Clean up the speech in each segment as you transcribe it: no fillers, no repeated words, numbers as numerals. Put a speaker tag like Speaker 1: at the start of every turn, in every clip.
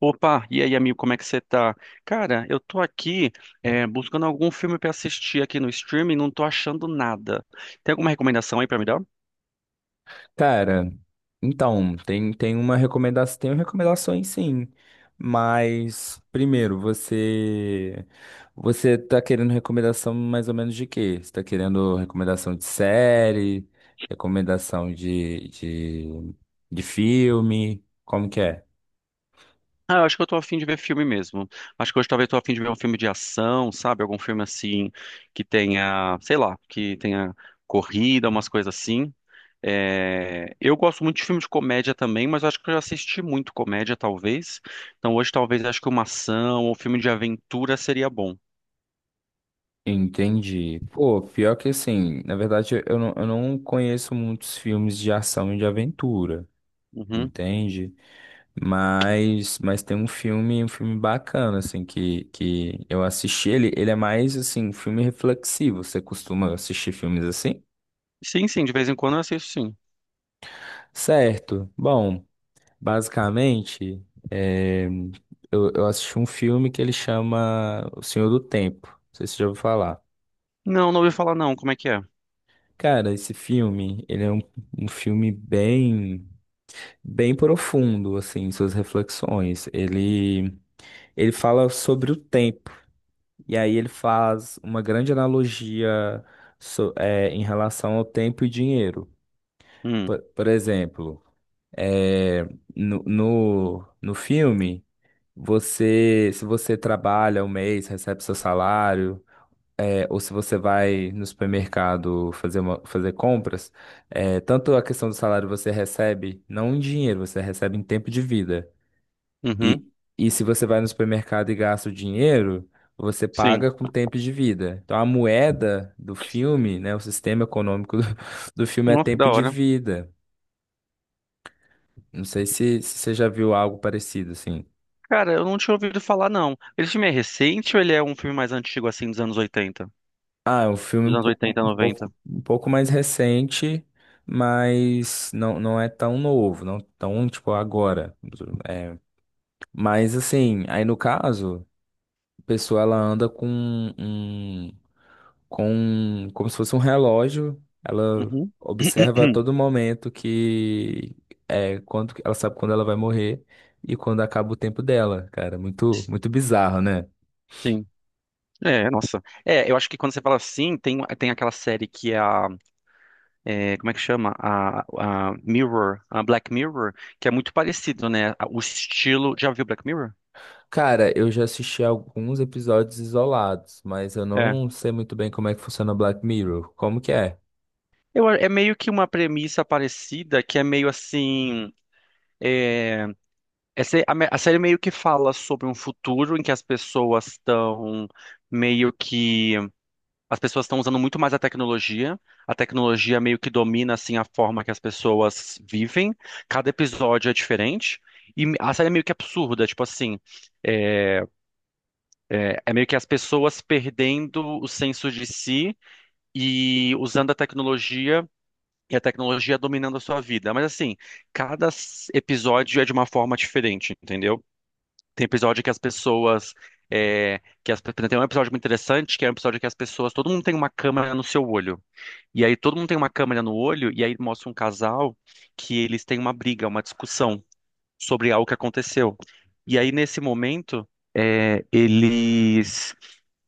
Speaker 1: Opa, e aí, amigo, como é que você tá? Cara, eu tô aqui buscando algum filme pra assistir aqui no streaming, não tô achando nada. Tem alguma recomendação aí pra me dar?
Speaker 2: Cara, então, tem uma recomendação, tem recomendações sim, mas primeiro, você tá querendo recomendação mais ou menos de quê? Você tá querendo recomendação de série, recomendação de filme, como que é?
Speaker 1: Ah, eu acho que eu tô afim de ver filme mesmo. Acho que hoje talvez tô afim de ver um filme de ação, sabe? Algum filme assim que tenha, sei lá, que tenha corrida, umas coisas assim. É, eu gosto muito de filme de comédia também, mas eu acho que eu já assisti muito comédia, talvez. Então hoje talvez acho que uma ação ou filme de aventura seria bom.
Speaker 2: Entendi. Pô, pior que assim, na verdade eu não conheço muitos filmes de ação e de aventura,
Speaker 1: Uhum.
Speaker 2: entende? Mas tem um filme bacana, assim, que eu assisti ele. Ele é mais, assim, um filme reflexivo. Você costuma assistir filmes assim?
Speaker 1: Sim, sim, de vez em quando eu assisto, sim.
Speaker 2: Certo. Bom, basicamente, é, eu assisti um filme que ele chama O Senhor do Tempo. Não sei se você já ouviu falar.
Speaker 1: Não, não ouvi falar não, como é que é?
Speaker 2: Cara, esse filme, ele é um, um filme bem, bem profundo, assim, em suas reflexões. Ele fala sobre o tempo. E aí ele faz uma grande analogia em relação ao tempo e dinheiro.
Speaker 1: Hum,
Speaker 2: Por exemplo, é, no, no filme, você, se você trabalha um mês, recebe seu salário, ou se você vai no supermercado fazer, fazer compras, tanto a questão do salário você recebe, não em dinheiro, você recebe em tempo de vida.
Speaker 1: uhum,
Speaker 2: E, e se você vai no supermercado e gasta o dinheiro, você
Speaker 1: sim.
Speaker 2: paga com tempo de vida. Então a moeda do filme, né, o sistema econômico do, do filme é
Speaker 1: Nossa, que da
Speaker 2: tempo de
Speaker 1: hora.
Speaker 2: vida. Não sei se você já viu algo parecido assim.
Speaker 1: Cara, eu não tinha ouvido falar não. Esse filme é recente ou ele é um filme mais antigo, assim, dos anos 80?
Speaker 2: Ah, é um filme um
Speaker 1: Dos anos
Speaker 2: pouco,
Speaker 1: oitenta, 90?
Speaker 2: um pouco mais recente, mas não é tão novo, não tão tipo agora. É, mas assim, aí no caso, a pessoa ela anda com com como se fosse um relógio. Ela
Speaker 1: Uhum.
Speaker 2: observa a todo momento que é quando ela sabe quando ela vai morrer e quando acaba o tempo dela, cara. Muito muito bizarro, né?
Speaker 1: Sim. É, nossa. É, eu acho que quando você fala assim, tem aquela série que é a. É, como é que chama? A Black Mirror, que é muito parecido, né? O estilo. Já viu Black Mirror?
Speaker 2: Cara, eu já assisti alguns episódios isolados, mas eu
Speaker 1: É.
Speaker 2: não sei muito bem como é que funciona Black Mirror. Como que é?
Speaker 1: É meio que uma premissa parecida, que é meio assim. A série meio que fala sobre um futuro em que as pessoas estão meio que. As pessoas estão usando muito mais a tecnologia. A tecnologia meio que domina assim a forma que as pessoas vivem. Cada episódio é diferente. E a série é meio que absurda, tipo assim, é, meio que as pessoas perdendo o senso de si e usando a tecnologia e a tecnologia dominando a sua vida. Mas assim, cada episódio é de uma forma diferente, entendeu? Tem episódio que as pessoas Tem um episódio muito interessante, que é um episódio que todo mundo tem uma câmera no seu olho. E aí todo mundo tem uma câmera no olho e aí mostra um casal que eles têm uma briga, uma discussão sobre algo que aconteceu. E aí nesse momento, é, eles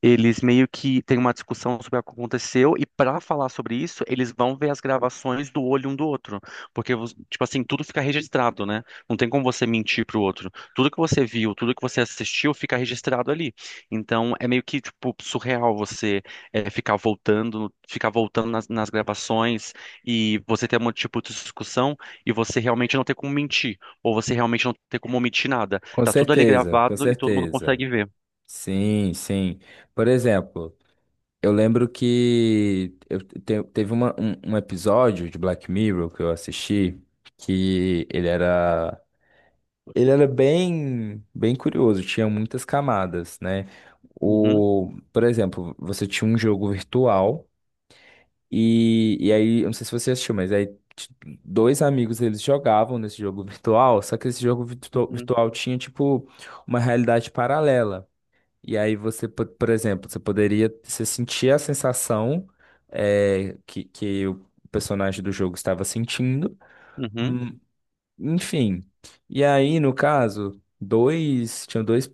Speaker 1: eles meio que têm uma discussão sobre o que aconteceu, e para falar sobre isso, eles vão ver as gravações do olho um do outro. Porque tipo assim, tudo fica registrado, né? Não tem como você mentir pro outro. Tudo que você viu, tudo que você assistiu, fica registrado ali. Então, é meio que, tipo, surreal você ficar voltando nas gravações e você ter um tipo de discussão e você realmente não ter como mentir. Ou você realmente não ter como omitir nada.
Speaker 2: Com
Speaker 1: Tá tudo ali
Speaker 2: certeza, com
Speaker 1: gravado e todo mundo
Speaker 2: certeza.
Speaker 1: consegue ver.
Speaker 2: Sim, sim. Por exemplo, eu lembro que teve um episódio de Black Mirror que eu assisti que ele era bem bem curioso, tinha muitas camadas, né?
Speaker 1: Uhum,
Speaker 2: O, por exemplo, você tinha um jogo virtual e aí, eu não sei se você assistiu, mas dois amigos eles jogavam nesse jogo virtual, só que esse jogo
Speaker 1: uhum,
Speaker 2: virtual tinha tipo uma realidade paralela. E aí você, por exemplo, você poderia você sentir a sensação que o personagem do jogo estava sentindo.
Speaker 1: uhum.
Speaker 2: Hum, Enfim. E aí, no caso, dois, tinham dois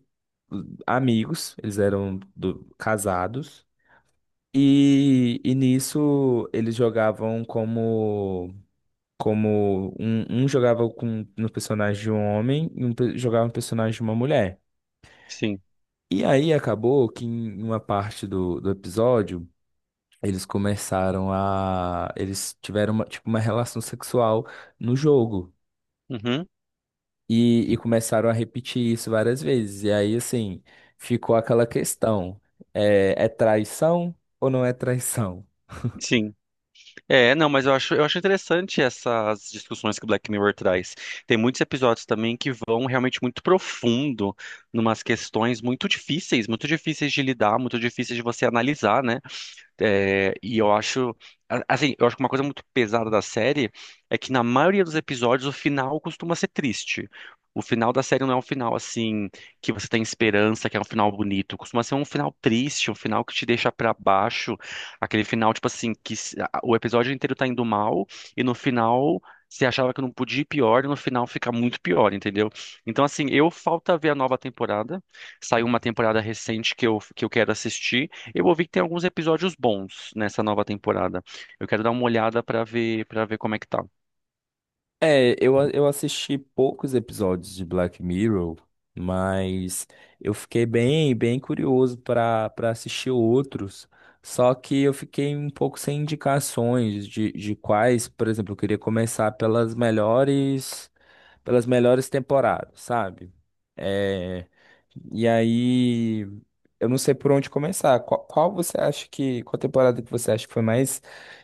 Speaker 2: amigos, eles eram casados. E nisso eles jogavam como como um jogava com no personagem de um homem e um jogava no personagem de uma mulher.
Speaker 1: Sim.
Speaker 2: E aí acabou que em uma parte do episódio eles começaram a. Eles tiveram uma, tipo, uma relação sexual no jogo.
Speaker 1: Uhum,
Speaker 2: E começaram a repetir isso várias vezes. E aí, assim, ficou aquela questão: é traição ou não é traição?
Speaker 1: sim. É, não, mas eu acho, interessante essas discussões que o Black Mirror traz. Tem muitos episódios também que vão realmente muito profundo, numas questões muito difíceis de lidar, muito difíceis de você analisar, né? É, e assim, eu acho que uma coisa muito pesada da série é que na maioria dos episódios o final costuma ser triste. O final da série não é um final assim que você tem esperança, que é um final bonito. Costuma ser um final triste, um final que te deixa pra baixo, aquele final tipo assim que o episódio inteiro tá indo mal e no final você achava que não podia ir pior e no final fica muito pior, entendeu? Então, assim, eu falta ver a nova temporada. Saiu uma temporada recente que eu quero assistir. Eu ouvi que tem alguns episódios bons nessa nova temporada. Eu quero dar uma olhada pra ver para ver como é que tá.
Speaker 2: É, eu assisti poucos episódios de Black Mirror, mas eu fiquei bem, bem curioso para assistir outros. Só que eu fiquei um pouco sem indicações de quais, por exemplo, eu queria começar pelas melhores temporadas, sabe? É, e aí, eu não sei por onde começar. Qual, qual você acha que, qual temporada que você acha que foi mais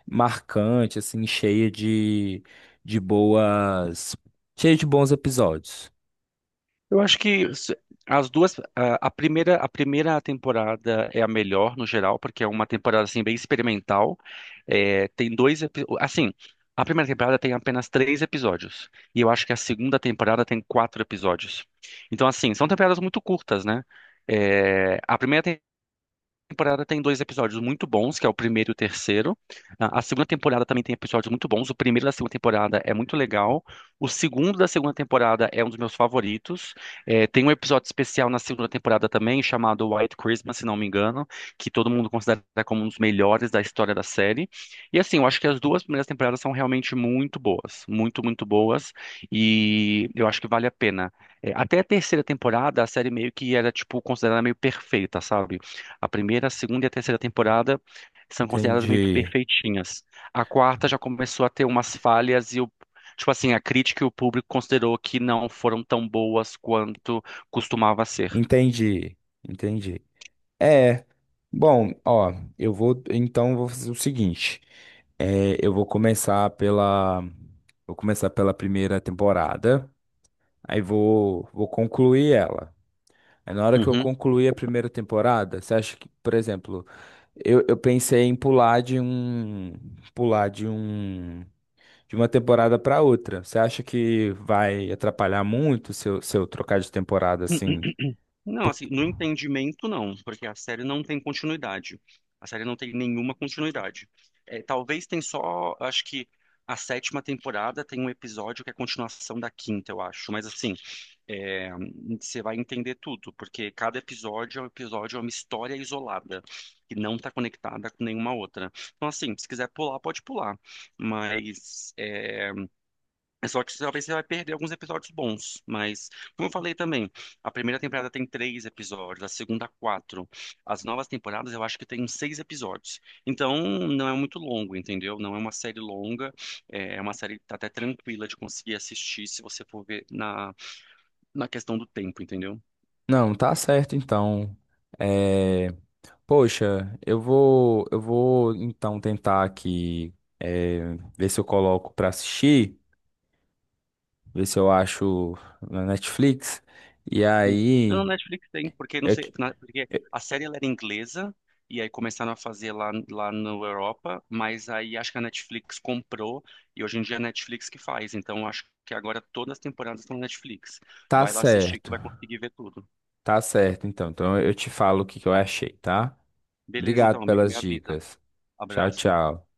Speaker 2: marcante, assim, de boas, cheia de bons episódios?
Speaker 1: Eu acho que s- as duas, a primeira temporada é a melhor no geral, porque é uma temporada assim bem experimental. É, tem dois, epi- assim, a primeira temporada tem apenas três episódios e eu acho que a segunda temporada tem quatro episódios. Então assim, são temporadas muito curtas, né? É, a primeira temporada tem dois episódios muito bons, que é o primeiro e o terceiro. A segunda temporada também tem episódios muito bons. O primeiro da segunda temporada é muito legal. O segundo da segunda temporada é um dos meus favoritos. É, tem um episódio especial na segunda temporada também, chamado White Christmas, se não me engano, que todo mundo considera como um dos melhores da história da série. E assim, eu acho que as duas primeiras temporadas são realmente muito boas, muito, muito boas. E eu acho que vale a pena. É, até a terceira temporada, a série meio que era, tipo, considerada meio perfeita, sabe? A primeira, a segunda e a terceira temporada são consideradas meio que
Speaker 2: Entendi,
Speaker 1: perfeitinhas. A quarta já começou a ter umas falhas tipo assim, a crítica e o público considerou que não foram tão boas quanto costumava ser.
Speaker 2: entendi, entendi. É, bom, ó, eu vou fazer o seguinte. É, eu vou começar pela primeira temporada, vou concluir ela. Aí na hora que eu
Speaker 1: Uhum.
Speaker 2: concluí a primeira temporada, você acha que, por exemplo, eu pensei em pular de um, pular de uma temporada para outra. Você acha que vai atrapalhar muito se eu trocar de temporada
Speaker 1: N- n-
Speaker 2: assim?
Speaker 1: Não, assim, no entendimento não, porque a série não tem continuidade. A série não tem nenhuma continuidade. É, talvez tem só, acho que a sétima temporada tem um episódio que é a continuação da quinta, eu acho. Mas assim, é, você vai entender tudo, porque cada episódio é um episódio, é uma história isolada, que não está conectada com nenhuma outra. Então, assim, se quiser pular, pode pular. Mas é só que talvez você vai perder alguns episódios bons. Mas, como eu falei também, a primeira temporada tem três episódios, a segunda, quatro. As novas temporadas eu acho que tem seis episódios. Então, não é muito longo, entendeu? Não é uma série longa, é uma série tá até tranquila de conseguir assistir se você for ver na questão do tempo, entendeu?
Speaker 2: Não, tá certo então. É, poxa, eu vou então tentar aqui, ver se eu coloco para assistir, ver se eu acho na Netflix. E
Speaker 1: Sim. Não, no
Speaker 2: aí,
Speaker 1: Netflix tem, porque não
Speaker 2: eu
Speaker 1: sei,
Speaker 2: te-
Speaker 1: porque
Speaker 2: eu-
Speaker 1: a série ela era inglesa e aí começaram a fazer lá na Europa, mas aí acho que a Netflix comprou e hoje em dia é a Netflix que faz, então acho que agora todas as temporadas estão na Netflix.
Speaker 2: tá
Speaker 1: Vai lá assistir que tu
Speaker 2: certo.
Speaker 1: vai conseguir ver tudo.
Speaker 2: Tá certo, então. Então eu te falo o que que eu achei, tá?
Speaker 1: Beleza, então,
Speaker 2: Obrigado
Speaker 1: amigo,
Speaker 2: pelas
Speaker 1: me avisa.
Speaker 2: dicas. Tchau,
Speaker 1: Abraço.
Speaker 2: tchau.